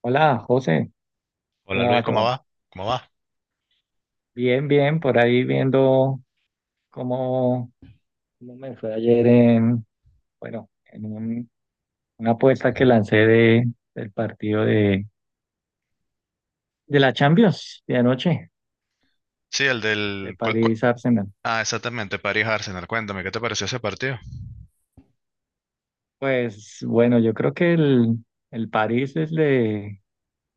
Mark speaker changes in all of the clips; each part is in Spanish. Speaker 1: Hola, José,
Speaker 2: Hola
Speaker 1: ¿cómo
Speaker 2: Luis,
Speaker 1: va
Speaker 2: ¿cómo
Speaker 1: todo?
Speaker 2: va? ¿Cómo va?
Speaker 1: Bien, bien, por ahí viendo cómo, cómo me fue ayer en, bueno, en una apuesta que lancé del partido de la Champions de anoche,
Speaker 2: Sí, el
Speaker 1: de
Speaker 2: del... cuál- cuál-
Speaker 1: París-Arsenal.
Speaker 2: Ah, exactamente, París Arsenal. Cuéntame, ¿qué te pareció ese partido?
Speaker 1: Pues bueno, yo creo que el París desde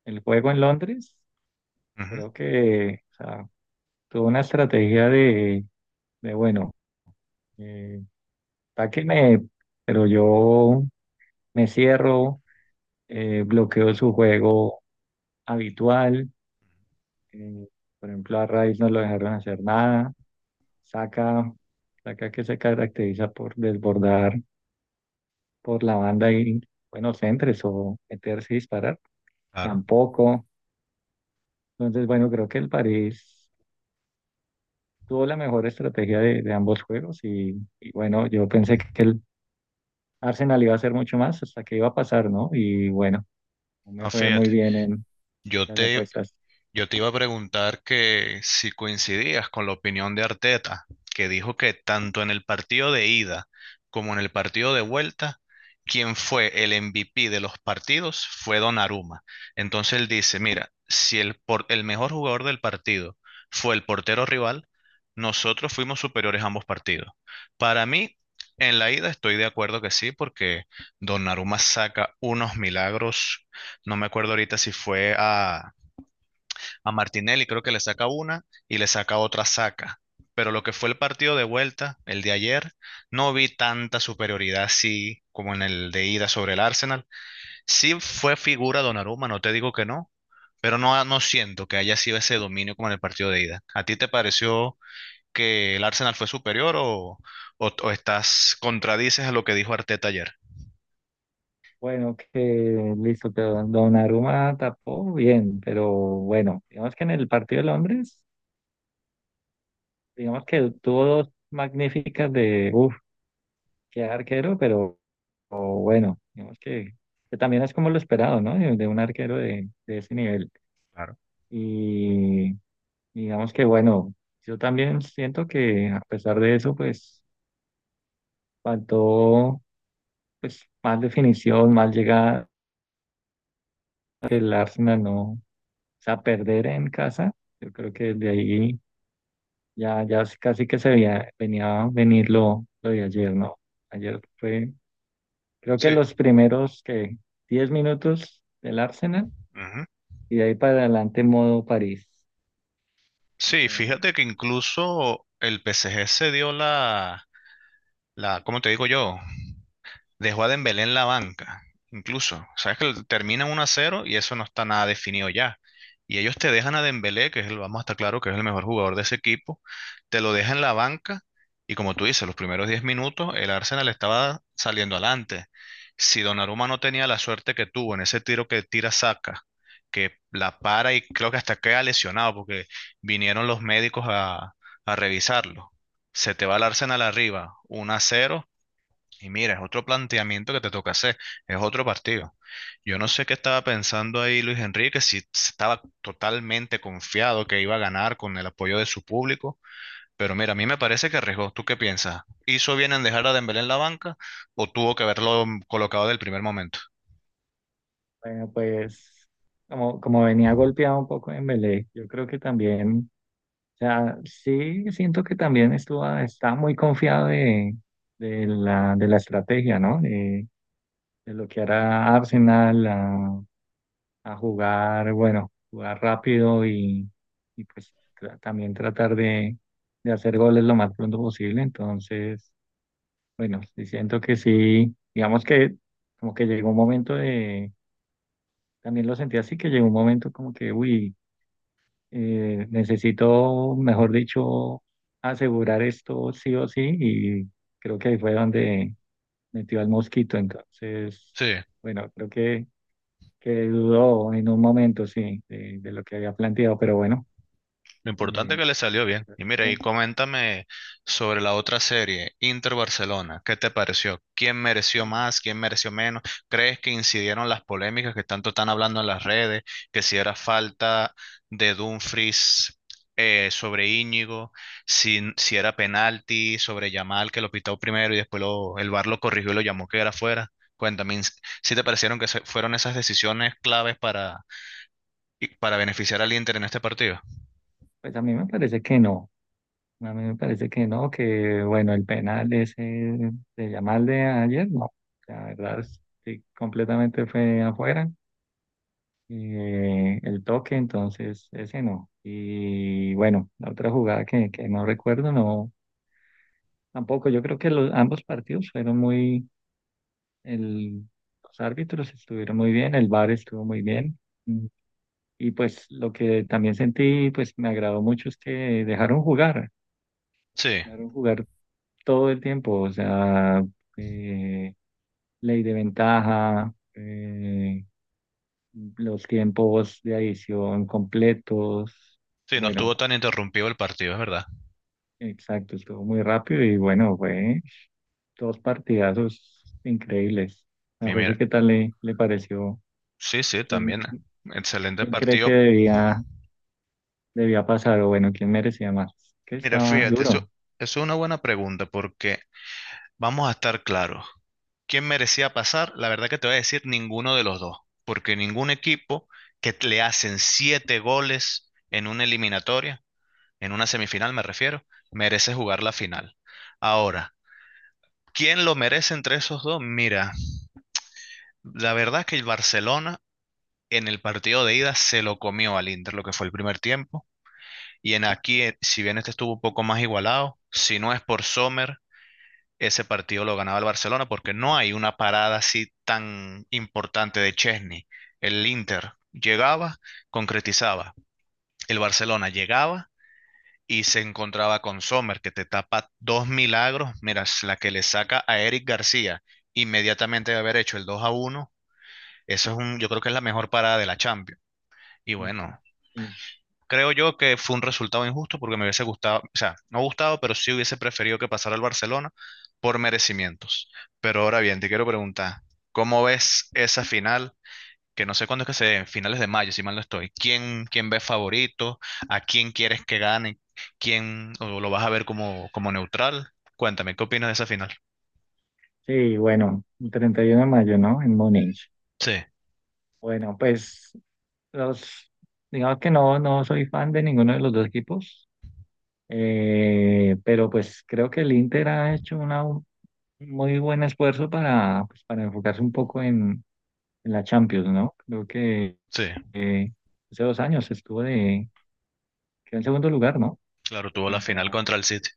Speaker 1: el juego en Londres,
Speaker 2: Ujú,
Speaker 1: creo que o sea, tuvo una estrategia de bueno, eh, atáquenme, pero yo me cierro, bloqueó su juego habitual. eh, por ejemplo, a Rice no lo dejaron hacer nada. Saca, saca que se caracteriza por desbordar por la banda y buenos centros o meterse y disparar.
Speaker 2: claro.
Speaker 1: Tampoco. Entonces, bueno, creo que el París tuvo la mejor estrategia de ambos juegos y bueno, yo pensé que el Arsenal iba a hacer mucho más hasta que iba a pasar, ¿no? Y bueno, no me
Speaker 2: No,
Speaker 1: fue muy
Speaker 2: fíjate,
Speaker 1: bien en
Speaker 2: yo
Speaker 1: las
Speaker 2: te,
Speaker 1: apuestas.
Speaker 2: Yo te iba a preguntar que si coincidías con la opinión de Arteta, que dijo que tanto en el partido de ida como en el partido de vuelta, quien fue el MVP de los partidos fue Donnarumma. Entonces él dice, mira, si el mejor jugador del partido fue el portero rival, nosotros fuimos superiores a ambos partidos. Para mí, en la ida estoy de acuerdo que sí, porque Donnarumma saca unos milagros. No me acuerdo ahorita si fue a Martinelli, creo que le saca una y le saca otra saca. Pero lo que fue el partido de vuelta, el de ayer, no vi tanta superioridad así como en el de ida sobre el Arsenal. Sí fue figura Donnarumma, no te digo que no, pero no, no siento que haya sido ese dominio como en el partido de ida. ¿A ti te pareció que el Arsenal fue superior o, estás contradices a lo que dijo Arteta ayer?
Speaker 1: Bueno, que listo, pero Donnarumma tapó bien, pero bueno, digamos que en el partido de Londres, digamos que tuvo dos magníficas de, uff, qué arquero, pero o bueno, digamos que también es como lo esperado, ¿no? De un arquero de ese nivel.
Speaker 2: Claro.
Speaker 1: Y digamos que bueno, yo también siento que a pesar de eso, pues faltó pues más definición, más llegada, el Arsenal no, o sea, perder en casa. Yo creo que de ahí ya casi que se veía, venía a venir lo de ayer, ¿no? Ayer fue, creo que
Speaker 2: Sí.
Speaker 1: los primeros que 10 minutos del Arsenal
Speaker 2: Ujú.
Speaker 1: y de ahí para adelante modo París.
Speaker 2: Sí,
Speaker 1: Entonces,
Speaker 2: fíjate que incluso el PSG se dio la, ¿cómo te digo yo? Dejó a Dembélé en la banca, incluso. Sabes que termina 1 a cero y eso no está nada definido ya. Y ellos te dejan a Dembélé, que es el, vamos a estar claro que es el mejor jugador de ese equipo, te lo dejan en la banca y como tú dices, los primeros 10 minutos el Arsenal estaba saliendo adelante. Si Donnarumma no tenía la suerte que tuvo en ese tiro que tira saca, que la para y creo que hasta queda lesionado porque vinieron los médicos a revisarlo. Se te va el Arsenal arriba, 1 a cero y mira, es otro planteamiento que te toca hacer, es otro partido. Yo no sé qué estaba pensando ahí Luis Enrique, si estaba totalmente confiado que iba a ganar con el apoyo de su público, pero mira, a mí me parece que arriesgó. ¿Tú qué piensas? ¿Hizo bien en dejar a Dembélé en la banca o tuvo que haberlo colocado del primer momento?
Speaker 1: bueno, pues como venía golpeado un poco en Dembélé, yo creo que también, o sea, sí siento que también estuvo, está muy confiado de la estrategia, ¿no? De lo que hará Arsenal, a jugar, bueno, jugar rápido y pues también tratar de hacer goles lo más pronto posible. Entonces, bueno, sí siento que sí, digamos que como que llegó un momento de, también lo sentí así, que llegó un momento como que, uy, necesito, mejor dicho, asegurar esto sí o sí y creo que ahí fue donde metió al mosquito. Entonces,
Speaker 2: Sí.
Speaker 1: bueno, creo que dudó en un momento, sí, de lo que había planteado, pero bueno,
Speaker 2: Lo importante es
Speaker 1: eh,
Speaker 2: que le salió bien. Y mira, y
Speaker 1: bien.
Speaker 2: coméntame sobre la otra serie, Inter Barcelona. ¿Qué te pareció? ¿Quién mereció más? ¿Quién mereció menos? ¿Crees que incidieron las polémicas que tanto están hablando en las redes? Que si era falta de Dumfries, sobre Íñigo, si era penalti sobre Yamal, que lo pitó primero y después lo- el VAR lo corrigió y lo llamó que era fuera. Cuéntame, ¿si te parecieron que fueron esas decisiones claves para, y para beneficiar al Inter en este partido?
Speaker 1: Pues a mí me parece que no, a mí me parece que no, que bueno, el penal ese de Yamal de ayer, no, la verdad, sí, completamente fue afuera, el toque, entonces ese no, y bueno, la otra jugada que no recuerdo, no, tampoco, yo creo que ambos partidos fueron muy, el, los árbitros estuvieron muy bien, el VAR estuvo muy bien. Y pues lo que también sentí, pues me agradó mucho es que dejaron jugar,
Speaker 2: Sí.
Speaker 1: dejaron jugar todo el tiempo, o sea, eh, ley de ventaja, los tiempos de adición completos,
Speaker 2: Sí, no
Speaker 1: bueno,
Speaker 2: estuvo tan interrumpido el partido, es verdad.
Speaker 1: exacto, estuvo muy rápido y bueno, fue dos partidazos increíbles. A
Speaker 2: Y
Speaker 1: José,
Speaker 2: mira,
Speaker 1: ¿qué tal le pareció?
Speaker 2: sí, sí,
Speaker 1: ¿Quién,
Speaker 2: también. Excelente
Speaker 1: quién cree que
Speaker 2: partido.
Speaker 1: debía pasar o bueno, quién merecía más? Que
Speaker 2: Mira,
Speaker 1: estaba
Speaker 2: fíjate, eso,
Speaker 1: duro.
Speaker 2: eso es una buena pregunta porque vamos a estar claros. ¿Quién merecía pasar? La verdad que te voy a decir ninguno de los dos, porque ningún equipo que t- le hacen siete goles en una eliminatoria, en una semifinal me refiero, merece jugar la final. Ahora, ¿quién lo merece entre esos dos? Mira, la verdad que el Barcelona en el partido de ida se lo comió al Inter, lo que fue el primer tiempo. Y en aquí, si bien este estuvo un poco más igualado, si no es por Sommer, ese partido lo ganaba el Barcelona porque no hay una parada así tan importante de Chesney. El Inter llegaba, concretizaba. El Barcelona llegaba y se encontraba con Sommer, que te tapa dos milagros. Mira, es la que le saca a Eric García inmediatamente de haber hecho el 2-1. Yo creo que es la mejor parada de la Champions. Y bueno,
Speaker 1: Sí.
Speaker 2: creo yo que fue un resultado injusto porque me hubiese gustado, o sea, no gustado, pero sí hubiese preferido que pasara al Barcelona por merecimientos. Pero ahora bien, te quiero preguntar, ¿cómo ves esa final? Que no sé cuándo es que se dé, finales de mayo, si mal no estoy. ¿Quién, quién ves favorito? ¿A quién quieres que gane? ¿Quién o lo vas a ver como, como neutral? Cuéntame, ¿qué opinas de esa final?
Speaker 1: Sí, bueno, el 31 de mayo, ¿no? En Múnich.
Speaker 2: Sí,
Speaker 1: Bueno, pues los, digamos que no soy fan de ninguno de los dos equipos, pero pues creo que el Inter ha hecho un muy buen esfuerzo pues, para enfocarse un poco en, la Champions, ¿no? Creo que
Speaker 2: sí,
Speaker 1: eh, hace 2 años estuvo quedó en segundo lugar, ¿no?
Speaker 2: claro, tuvo la final
Speaker 1: Contra,
Speaker 2: contra el City.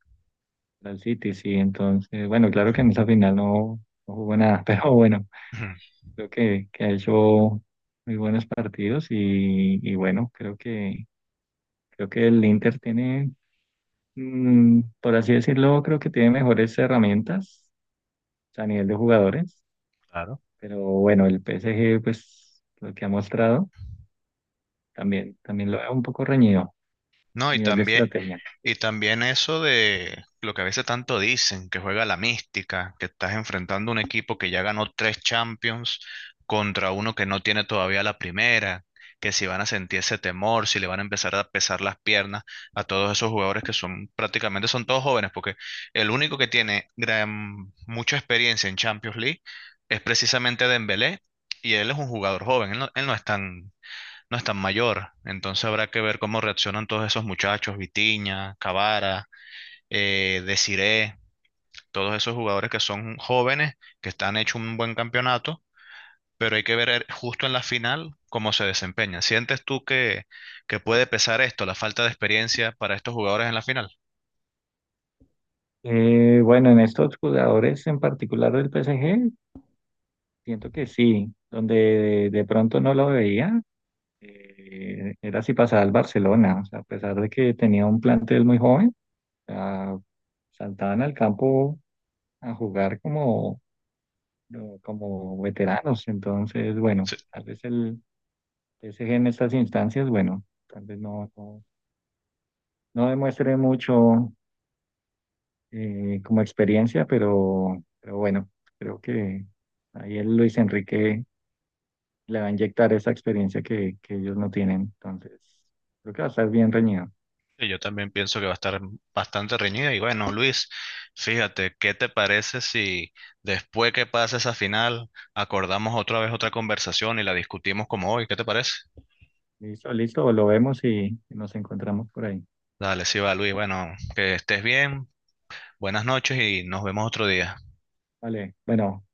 Speaker 1: contra el City, sí. Entonces, bueno, claro que en esa final no jugó nada, pero bueno.
Speaker 2: Ujú.
Speaker 1: Creo que ha hecho muy buenos partidos y bueno, creo que el Inter tiene, por así decirlo, creo que tiene mejores herramientas a nivel de jugadores,
Speaker 2: Claro.
Speaker 1: pero bueno, el PSG, pues lo que ha mostrado, también lo veo un poco reñido, a
Speaker 2: No, y
Speaker 1: nivel de
Speaker 2: también,
Speaker 1: estrategia.
Speaker 2: Y también eso de lo que a veces tanto dicen, que juega la mística, que estás enfrentando un equipo que ya ganó tres Champions contra uno que no tiene todavía la primera, que si van a sentir ese temor, si le van a empezar a pesar las piernas a todos esos jugadores que son prácticamente son todos jóvenes, porque el único que tiene mucha experiencia en Champions League es precisamente Dembélé, y él es un jugador joven, él no es tan, no es tan mayor. Entonces habrá que ver cómo reaccionan todos esos muchachos, Vitinha, Cavara, Desiré, todos esos jugadores que son jóvenes, que están hecho un buen campeonato, pero hay que ver justo en la final cómo se desempeñan. ¿Sientes tú que puede pesar esto, la falta de experiencia para estos jugadores en la final?
Speaker 1: Bueno, en estos jugadores en particular del PSG, siento que sí, donde de pronto no lo veía, era si pasaba al Barcelona, o sea, a pesar de que tenía un plantel muy joven, o sea, saltaban al campo a jugar como, no, como veteranos, entonces, bueno,
Speaker 2: Sí.
Speaker 1: tal vez el PSG en estas instancias, bueno, tal vez no demuestre mucho, como experiencia, pero bueno, creo que ahí el Luis Enrique le va a inyectar esa experiencia que ellos no tienen, entonces, creo que va a estar bien reñido.
Speaker 2: que Yo también pienso que va a estar bastante reñida. Y bueno, Luis, fíjate, ¿qué te parece si después que pase esa final acordamos otra vez otra conversación y la discutimos como hoy? ¿Qué te parece?
Speaker 1: Listo, listo, lo vemos y nos encontramos por ahí.
Speaker 2: Dale, sí va, Luis. Bueno, que estés bien, buenas noches y nos vemos otro día.
Speaker 1: Vale, bueno,